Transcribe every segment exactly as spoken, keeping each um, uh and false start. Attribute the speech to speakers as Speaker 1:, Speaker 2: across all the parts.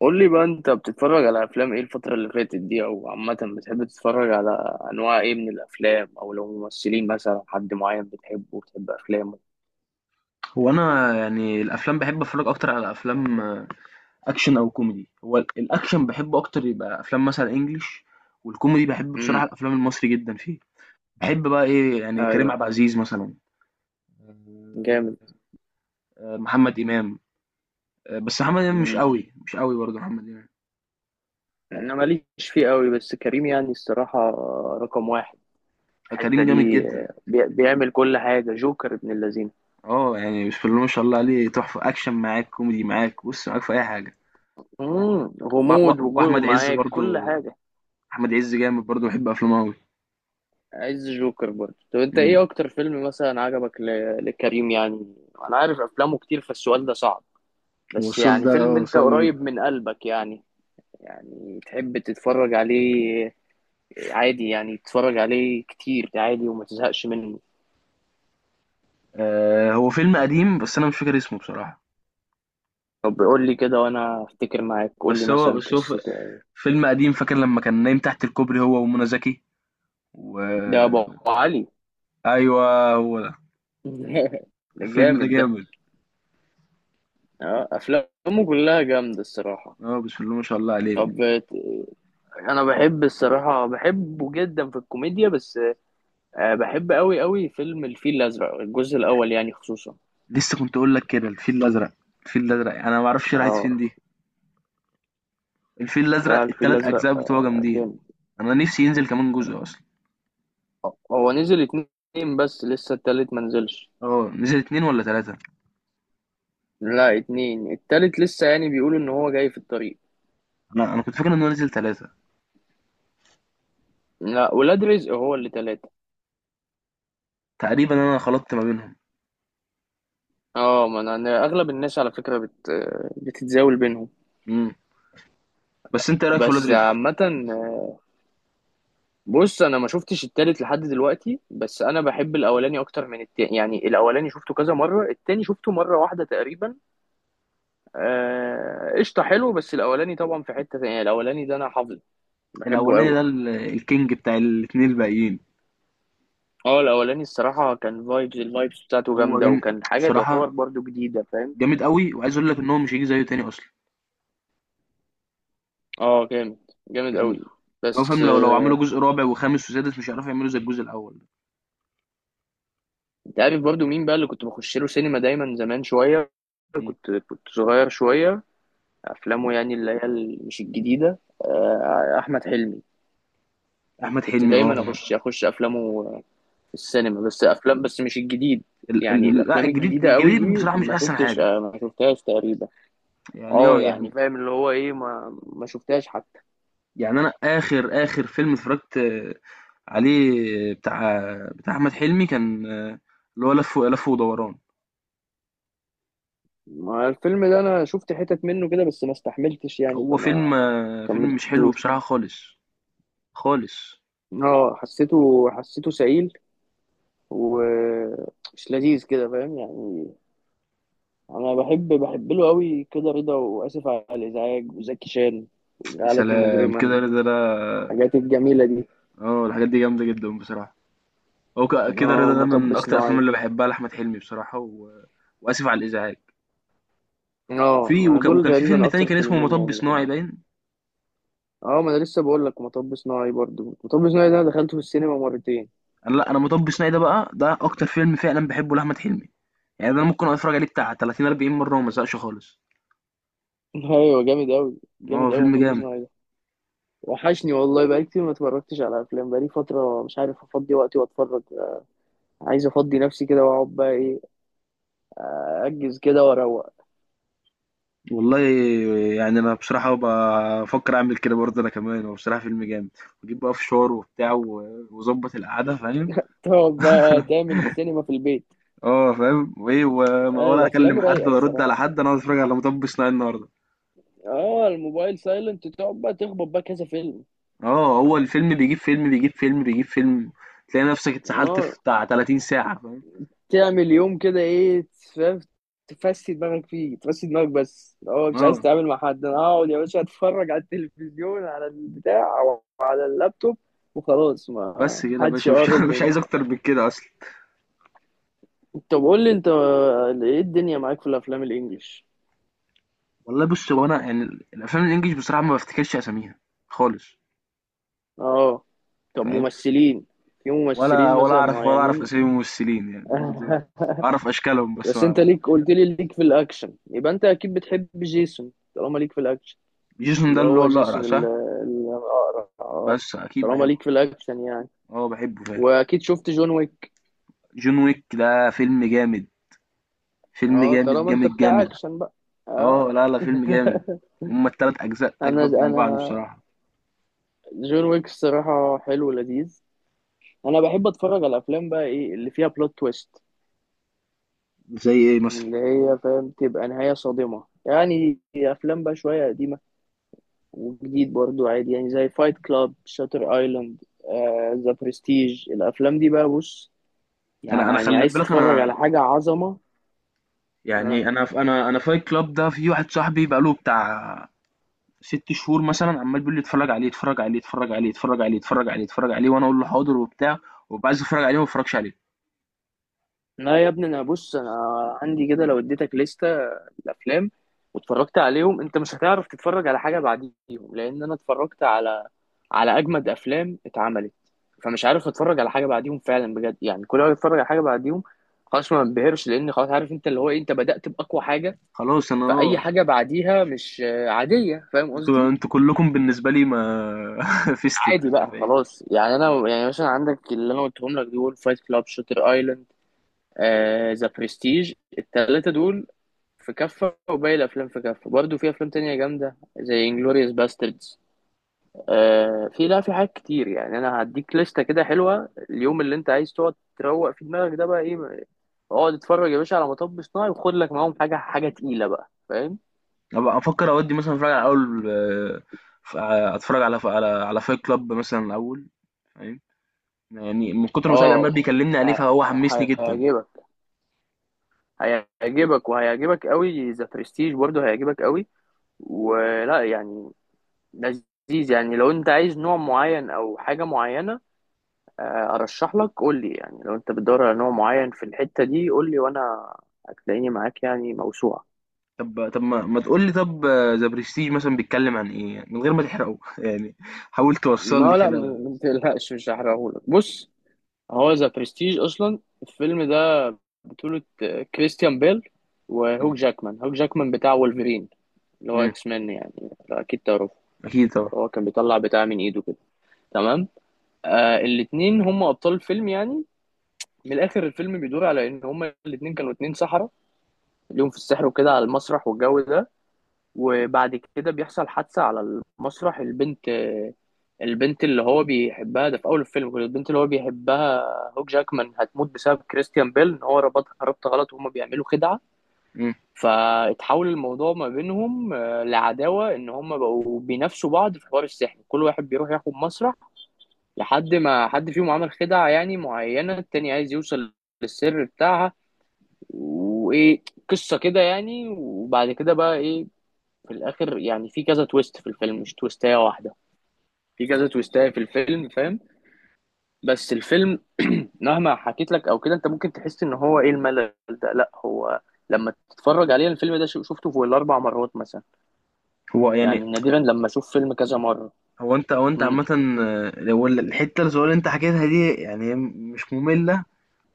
Speaker 1: قول لي بقى، انت بتتفرج على افلام ايه الفترة اللي فاتت دي؟ او عامة بتحب تتفرج على انواع ايه من الافلام؟ او لو ممثلين مثلا، حد معين بتحبه وبتحب افلامه؟
Speaker 2: هو انا يعني الافلام بحب اتفرج اكتر على افلام آه، اكشن او كوميدي. هو ال- الاكشن بحبه اكتر، يبقى افلام مثلا انجليش. والكوميدي بحب
Speaker 1: امم.
Speaker 2: بصراحه الافلام المصري جدا فيه. بحب بقى ايه، يعني كريم
Speaker 1: ايوه،
Speaker 2: عبد العزيز مثلا. آه،
Speaker 1: جامد.
Speaker 2: آه، محمد امام. آه، بس محمد امام مش
Speaker 1: امم.
Speaker 2: قوي مش قوي برضه محمد امام.
Speaker 1: انا ماليش فيه قوي، بس كريم يعني الصراحة رقم واحد.
Speaker 2: آه،
Speaker 1: الحتة
Speaker 2: كريم جامد
Speaker 1: دي،
Speaker 2: جدا.
Speaker 1: آه، بي- بيعمل كل حاجة، جوكر ابن اللذين.
Speaker 2: اه يعني بسم الله ما شاء الله عليه، تحفه، اكشن معاك كوميدي معاك بص معاك في اي حاجه.
Speaker 1: امم
Speaker 2: وأح- وأح-
Speaker 1: غموض، وكل
Speaker 2: واحمد عز
Speaker 1: ومعاك كل
Speaker 2: برضه،
Speaker 1: حاجة.
Speaker 2: احمد عز جامد برضه، بحب افلامه قوي.
Speaker 1: عايز جوكر برضه. طب انت ايه اكتر فيلم مثلا عجبك ل- لكريم يعني؟ انا عارف افلامه كتير، فالسؤال ده صعب. بس
Speaker 2: والصول
Speaker 1: يعني
Speaker 2: ده
Speaker 1: فيلم
Speaker 2: آه،
Speaker 1: انت
Speaker 2: صعب
Speaker 1: قريب
Speaker 2: جدا.
Speaker 1: من قلبك يعني، يعني تحب تتفرج عليه، عادي يعني تتفرج عليه كتير عادي وما تزهقش منه.
Speaker 2: آه، هو فيلم قديم بس انا مش فاكر اسمه بصراحة.
Speaker 1: طب قول لي كده وانا افتكر معاك، قول لي
Speaker 2: بس هو
Speaker 1: مثلا
Speaker 2: بس هو ف-
Speaker 1: قصته أو-
Speaker 2: فيلم قديم، فاكر لما كان نايم تحت الكوبري هو ومنى زكي و...
Speaker 1: ده ابو علي.
Speaker 2: ايوه هو ده.
Speaker 1: ده
Speaker 2: الفيلم ده
Speaker 1: جامد ده.
Speaker 2: جامد.
Speaker 1: اه، افلامه كلها جامده الصراحه.
Speaker 2: اه بسم الله ما شاء الله عليه.
Speaker 1: طب، انا بحب الصراحه بحبه جدا في الكوميديا، بس آه، بحب قوي قوي فيلم الفيل الازرق، الجزء الاول يعني خصوصا.
Speaker 2: لسه كنت اقول لك كده، الفيل الازرق. الفيل الازرق انا ما اعرفش راحت
Speaker 1: اه،
Speaker 2: فين دي. الفيل
Speaker 1: لا،
Speaker 2: الازرق
Speaker 1: الفيل
Speaker 2: التلات
Speaker 1: الازرق
Speaker 2: اجزاء بتوعه
Speaker 1: آه،
Speaker 2: جامدين.
Speaker 1: جامد.
Speaker 2: انا نفسي ينزل كمان جزء اصلا.
Speaker 1: هو نزل اتنين، بس لسه التالت ما نزلش.
Speaker 2: اه نزل اتنين ولا تلاتة؟
Speaker 1: لا اتنين، التالت لسه يعني بيقولوا ان هو جاي في الطريق.
Speaker 2: انا انا كنت فاكر انه نزل تلاتة.
Speaker 1: لا ولاد رزق هو اللي تلاتة.
Speaker 2: تقريبا انا خلطت ما بينهم.
Speaker 1: اه، ما انا أنا اغلب الناس على فكرة بت... بتتزاول بينهم.
Speaker 2: مم. بس انت ايه رايك في ولاد
Speaker 1: بس
Speaker 2: رزق؟
Speaker 1: عامة، بص، انا ما شفتش التالت لحد دلوقتي، بس انا بحب الاولاني اكتر من التاني يعني، الاولاني شفته كذا مرة، التاني شفته مرة واحدة تقريبا. آه، قشطة، حلو، بس الاولاني طبعا في حتة تانية، الاولاني ده انا حافظه، بحبه
Speaker 2: الاولاني
Speaker 1: قوي.
Speaker 2: ده ال- الكينج بتاع الاتنين الباقيين.
Speaker 1: اه، الاولاني الصراحه كان فايبز، الفايبز بتاعته
Speaker 2: هو
Speaker 1: جامده،
Speaker 2: جامد
Speaker 1: وكان حاجه تعتبر
Speaker 2: بصراحه،
Speaker 1: برضو جديده، فاهم.
Speaker 2: جامد قوي، وعايز اقول لك ان هو مش هيجي زيه تاني اصلا.
Speaker 1: اه جامد، جامد
Speaker 2: يعني
Speaker 1: قوي.
Speaker 2: هو
Speaker 1: بس
Speaker 2: فاهم، لو لو عملوا
Speaker 1: آه.
Speaker 2: جزء رابع وخامس وسادس مش هيعرفوا يعملوا زي الجزء الاول.
Speaker 1: انت عارف برضو مين بقى اللي كنت بخش له سينما دايما زمان شويه؟
Speaker 2: ده.
Speaker 1: كنت كنت صغير شويه، افلامه يعني اللي هي ال- مش الجديده، آه، احمد حلمي.
Speaker 2: احمد
Speaker 1: كنت
Speaker 2: حلمي اه.
Speaker 1: دايما اخش اخش افلامه في السينما، بس افلام بس مش الجديد.
Speaker 2: ال-
Speaker 1: يعني
Speaker 2: ال- لا،
Speaker 1: الافلام
Speaker 2: الجديد
Speaker 1: الجديده قوي
Speaker 2: الجديد
Speaker 1: دي
Speaker 2: بصراحه مش
Speaker 1: ما
Speaker 2: احسن
Speaker 1: شفتش
Speaker 2: حاجه.
Speaker 1: آه، ما شفتهاش تقريبا.
Speaker 2: يعني
Speaker 1: اه
Speaker 2: اه
Speaker 1: يعني
Speaker 2: يعني،
Speaker 1: فاهم اللي هو ايه، ما ما شفتهاش حتى.
Speaker 2: يعني انا اخر اخر فيلم اتفرجت آه، عليه بتاع بتاع احمد حلمي كان آه، اللي هو لف لف ودوران.
Speaker 1: ما الفيلم ده انا شفت حتت منه كده، بس ما استحملتش يعني،
Speaker 2: هو فيلم
Speaker 1: فما
Speaker 2: آه، فيلم مش حلو
Speaker 1: كملتوش.
Speaker 2: بصراحه خالص، خالص.
Speaker 1: اه حسيته حسيته سعيل ومش لذيذ كده، فاهم يعني. انا بحب بحب له قوي كده رضا، واسف على الازعاج، وزكي شان،
Speaker 2: يا
Speaker 1: وجعلتني
Speaker 2: سلام،
Speaker 1: مجرما،
Speaker 2: كده رضا ده!
Speaker 1: الحاجات الجميله دي.
Speaker 2: اه الحاجات دي جامدة جدا بصراحة. هو ك- كده
Speaker 1: اه،
Speaker 2: رضا ده
Speaker 1: ومطب
Speaker 2: من أكتر
Speaker 1: صناعي.
Speaker 2: الأفلام اللي بحبها لأحمد حلمي بصراحة و... وآسف على الإزعاج.
Speaker 1: اه،
Speaker 2: وفي
Speaker 1: انا
Speaker 2: وك...
Speaker 1: دول
Speaker 2: وكان في فيلم
Speaker 1: تقريبا
Speaker 2: تاني
Speaker 1: اكتر
Speaker 2: كان اسمه
Speaker 1: فيلمين
Speaker 2: مطب
Speaker 1: يعني
Speaker 2: صناعي
Speaker 1: بحبهم.
Speaker 2: باين.
Speaker 1: اه، ما انا لسه بقول لك، مطب صناعي برضو، مطب صناعي ده انا دخلته في السينما مرتين.
Speaker 2: أنا لا، أنا مطب صناعي ده بقى ده أكتر فيلم فعلا بحبه لأحمد حلمي. يعني ده أنا ممكن أتفرج عليه بتاع تلاتين أربعين مرة وما أزهقش خالص.
Speaker 1: ايوه، جامد قوي،
Speaker 2: اه
Speaker 1: جامد قوي
Speaker 2: فيلم
Speaker 1: مطب
Speaker 2: جامد.
Speaker 1: صناعي ده. وحشني والله، بقالي كتير ما اتفرجتش على افلام، بقالي فتره مش عارف افضي وقتي واتفرج. عايز افضي نفسي كده واقعد بقى ايه، اجز كده واروق.
Speaker 2: والله يعني أنا بصراحة بفكر أعمل كده برضه أنا كمان، هو بصراحة فيلم جامد. وأجيب بقى فشار وبتاع و- وأظبط القعدة، فاهم؟
Speaker 1: تقعد بقى آه، تعمل سينما في البيت.
Speaker 2: اه فاهم، وايه وما
Speaker 1: آه
Speaker 2: ولا
Speaker 1: الافلام
Speaker 2: اكلم حد
Speaker 1: رايقه
Speaker 2: ولا ارد على
Speaker 1: الصراحه.
Speaker 2: حد، انا عاوز اتفرج على مطب صناعي النهارده.
Speaker 1: اه، الموبايل سايلنت، تقعد بقى تخبط بقى كذا فيلم.
Speaker 2: اه هو الفيلم بيجيب فيلم بيجيب فيلم بيجيب فيلم، تلاقي نفسك اتسحلت
Speaker 1: اه،
Speaker 2: في بتاع تلاتين ساعة، فاهم؟
Speaker 1: تعمل يوم كده ايه، تف- تفسي دماغك فيه، تفسي دماغك. بس اه، مش
Speaker 2: اه.
Speaker 1: عايز تتعامل مع حد، انا اقعد يا باشا اتفرج على التلفزيون، على البتاع، او على اللابتوب، وخلاص،
Speaker 2: بس
Speaker 1: ما
Speaker 2: كده يا
Speaker 1: حدش
Speaker 2: باشا، مش,
Speaker 1: يقرب
Speaker 2: مش عايز
Speaker 1: مني.
Speaker 2: اكتر من كده اصلا.
Speaker 1: طب قول لي انت، ايه الدنيا معاك في الافلام الانجليش؟
Speaker 2: والله بص، هو انا يعني الافلام الانجليش بصراحة ما بفتكرش اساميها خالص.
Speaker 1: اه. طب
Speaker 2: فاهم؟
Speaker 1: ممثلين، في
Speaker 2: ولا
Speaker 1: ممثلين
Speaker 2: ولا
Speaker 1: مثلا
Speaker 2: اعرف، ولا اعرف
Speaker 1: معينين؟
Speaker 2: اسامي الممثلين يعني برضه. اعرف اشكالهم بس
Speaker 1: بس انت
Speaker 2: ما...
Speaker 1: ليك، قلت لي ليك في الاكشن، يبقى انت اكيد بتحب جيسون، طالما ليك في الاكشن.
Speaker 2: جيسون ده
Speaker 1: اللي
Speaker 2: اللي هو
Speaker 1: هو
Speaker 2: الاقرع،
Speaker 1: جيسون
Speaker 2: صح؟
Speaker 1: ال- الاقرع، اه.
Speaker 2: بس اكيد
Speaker 1: طالما
Speaker 2: بحبه.
Speaker 1: ليك في الاكشن يعني.
Speaker 2: اه بحبه فعلا.
Speaker 1: واكيد شفت جون ويك.
Speaker 2: جون ويك ده فيلم جامد، فيلم
Speaker 1: اه،
Speaker 2: جامد
Speaker 1: طالما انت
Speaker 2: جامد
Speaker 1: بتاع
Speaker 2: جامد.
Speaker 1: اكشن بقى، اه.
Speaker 2: اه لا لا فيلم جامد. هما التلات اجزاء
Speaker 1: انا
Speaker 2: اجمد من بعض
Speaker 1: انا
Speaker 2: بصراحه.
Speaker 1: جون ويك الصراحه حلو ولذيذ. انا بحب اتفرج على الافلام بقى ايه اللي فيها بلوت تويست،
Speaker 2: زي ايه مثلا؟
Speaker 1: اللي هي فاهم، تبقى نهاية صادمة يعني. أفلام بقى شوية قديمة وجديد برضو عادي، يعني زي فايت كلاب، شاتر ايلاند، ذا برستيج، الأفلام دي بقى، بص،
Speaker 2: انا انا
Speaker 1: يعني
Speaker 2: خلي
Speaker 1: عايز
Speaker 2: بالك،
Speaker 1: تتفرج
Speaker 2: انا
Speaker 1: على حاجة عظمة. آه.
Speaker 2: يعني انا انا انا فايت كلاب ده في واحد صاحبي بقاله بتاع ست شهور مثلا عمال بيقول لي اتفرج عليه اتفرج عليه اتفرج عليه اتفرج عليه اتفرج عليه اتفرج عليه، وانا اقول له حاضر وبتاع. وبقى عايز اتفرج عليه وما اتفرجش عليه.
Speaker 1: لا يا ابني، أنا بص، أنا عندي كده لو اديتك لستة الأفلام واتفرجت عليهم، أنت مش هتعرف تتفرج على حاجة بعديهم، لأن أنا اتفرجت على على اجمد افلام اتعملت، فمش عارف اتفرج على حاجه بعديهم فعلا بجد. يعني كل ما اتفرج على حاجه بعديهم، خلاص ما بنبهرش، لان خلاص عارف انت اللي هو إيه، انت بدأت باقوى حاجه،
Speaker 2: خلاص انا
Speaker 1: فاي
Speaker 2: اه.
Speaker 1: حاجه بعديها مش آه، عاديه، فاهم
Speaker 2: انتوا
Speaker 1: قصدي.
Speaker 2: انتوا كلكم بالنسبه لي ما فيستك.
Speaker 1: عادي بقى خلاص. يعني انا يعني مثلا عندك اللي انا قلتهم لك دول، فايت كلاب، شاتر ايلاند، ذا برستيج، الثلاثه دول في كفه، وباقي الافلام في كفه برضو. في افلام تانية جامده زي انجلوريوس باستردز. آه، في لا في حاجات كتير يعني. انا هديك لستة كده حلوة اليوم اللي انت عايز تقعد تروق في دماغك ده بقى ايه. اقعد اتفرج يا باشا على مطب صناعي، وخد لك معاهم حاجة حاجة تقيلة بقى، فاهم.
Speaker 2: ابقى افكر اودي مثلا اتفرج على اول آه، ف- اتفرج على على على فايت كلاب مثلا الاول، فاهم؟ يعني من كتر ما سعيد عمال
Speaker 1: اه،
Speaker 2: بيكلمني عليه
Speaker 1: ه-
Speaker 2: فهو حمسني
Speaker 1: ه-
Speaker 2: جدا.
Speaker 1: هيعجبك، هيعجبك وهيعجبك قوي. ذا برستيج برضه هيعجبك قوي، ولا يعني لذيذ يعني. لو انت عايز نوع معين او حاجة معينة، آه، ارشح لك. قول لي يعني، لو انت بتدور على نوع معين في الحتة دي قول لي، وانا هتلاقيني معاك يعني موسوعة.
Speaker 2: طب طب ما, ما تقول لي، طب ذا برستيج مثلا بيتكلم عن ايه، يعني من غير ما تحرقه؟ يعني حاول توصل لي
Speaker 1: ما لا، ما
Speaker 2: كده.
Speaker 1: ما تقلقش، مش هحرقهولك. بص، هو ذا برستيج اصلا الفيلم ده بطولة آه، كريستيان بيل
Speaker 2: مم.
Speaker 1: وهوك جاكمان. هوك جاكمان بتاع وولفرين، اللي هو
Speaker 2: مم.
Speaker 1: اكس مان يعني، لا اكيد تعرفه.
Speaker 2: اكيد طبعا.
Speaker 1: هو كان بيطلع بتاع من ايده كده، تمام. آه الاتنين هم ابطال الفيلم يعني. من الاخر، الفيلم بيدور على ان هم الاتنين كانوا اتنين سحرة، ليهم في السحر وكده، على المسرح والجو ده. وبعد كده بيحصل حادثة على المسرح. البنت البنت اللي هو بيحبها ده في أول الفيلم كده، البنت اللي هو بيحبها هوك جاكمان، هتموت بسبب كريستيان بيل، إن هو ربطها ربط غلط وهما بيعملوا خدعة.
Speaker 2: مم.
Speaker 1: فاتحول الموضوع ما بينهم آه، لعداوة، إن هما بقوا بينافسوا بعض في حوار السحر، كل واحد بيروح ياخد مسرح، لحد ما حد فيهم عمل خدعة يعني معينة، التاني عايز يوصل للسر بتاعها. وإيه، قصة كده يعني. وبعد كده بقى إيه، في الاخر يعني في كذا تويست في الفيلم، مش تويستايه واحده، في كذا تويستايه في الفيلم، فاهم. بس الفيلم مهما حكيت لك او كده، انت ممكن تحس ان هو ايه، الملل ده، لا، هو لما تتفرج عليه الفيلم ده، شو- شفته فوق الاربع مرات مثلا،
Speaker 2: هو يعني،
Speaker 1: يعني نادرا لما اشوف فيلم كذا مره.
Speaker 2: هو انت هو انت
Speaker 1: امم.
Speaker 2: عامة آه، هو ال- الحتة الصغيرة اللي انت حكيتها دي يعني هي مش مملة،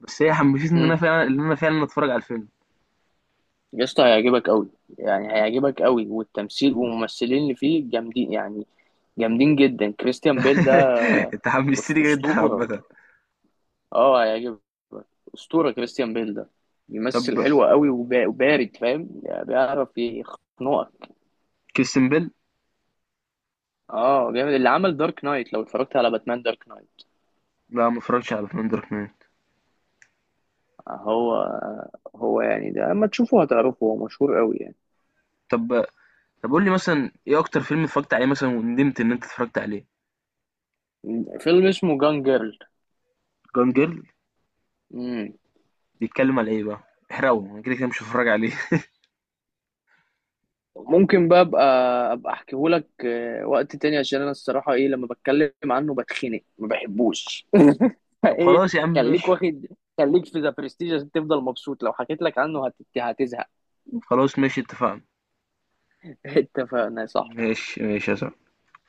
Speaker 2: بس هي حمستني ان
Speaker 1: امم.
Speaker 2: انا فعلا، ان انا فعلا اتفرج على الفيلم.
Speaker 1: يا اسطى هيعجبك قوي، يعني هيعجبك قوي، والتمثيل والممثلين اللي فيه جامدين يعني، جامدين جدا. كريستيان بيل ده
Speaker 2: انت
Speaker 1: أس-
Speaker 2: حمستني جدا
Speaker 1: اسطوره.
Speaker 2: عامة.
Speaker 1: اه هيعجبك. اسطوره كريستيان بيل ده،
Speaker 2: طب
Speaker 1: بيمثل حلو قوي، وبا- وبارد، فاهم يعني، بيعرف يخنقك.
Speaker 2: كريستيان بيل.
Speaker 1: اه جامد، اللي عمل دارك نايت. لو اتفرجت على باتمان دارك نايت،
Speaker 2: لا، ما اتفرجتش على باتمان دارك نايت.
Speaker 1: هو هو يعني ده، اما تشوفه هتعرفه، هو مشهور قوي يعني.
Speaker 2: طب طب قول لي مثلا ايه اكتر فيلم اتفرجت عليه مثلا وندمت ان انت اتفرجت عليه؟
Speaker 1: فيلم اسمه جان جيرل.
Speaker 2: جون جيرل.
Speaker 1: مم.
Speaker 2: بيتكلم على ايه بقى؟ احرقه، انا كده كده مش هتفرج عليه.
Speaker 1: ممكن بقى ابقى ابقى احكيهولك آه، وقت تاني، عشان انا الصراحه ايه، لما بتكلم عنه بتخنق، ما بحبوش.
Speaker 2: طب
Speaker 1: ايه،
Speaker 2: خلاص يا عم،
Speaker 1: خليك
Speaker 2: ماشي.
Speaker 1: واخد، خليك في ذا برستيج عشان تفضل مبسوط، لو حكيت لك عنه هت... هتزهق.
Speaker 2: خلاص ماشي، اتفقنا.
Speaker 1: اتفقنا يا صاحبي.
Speaker 2: ماشي ماشي يا صاحبي.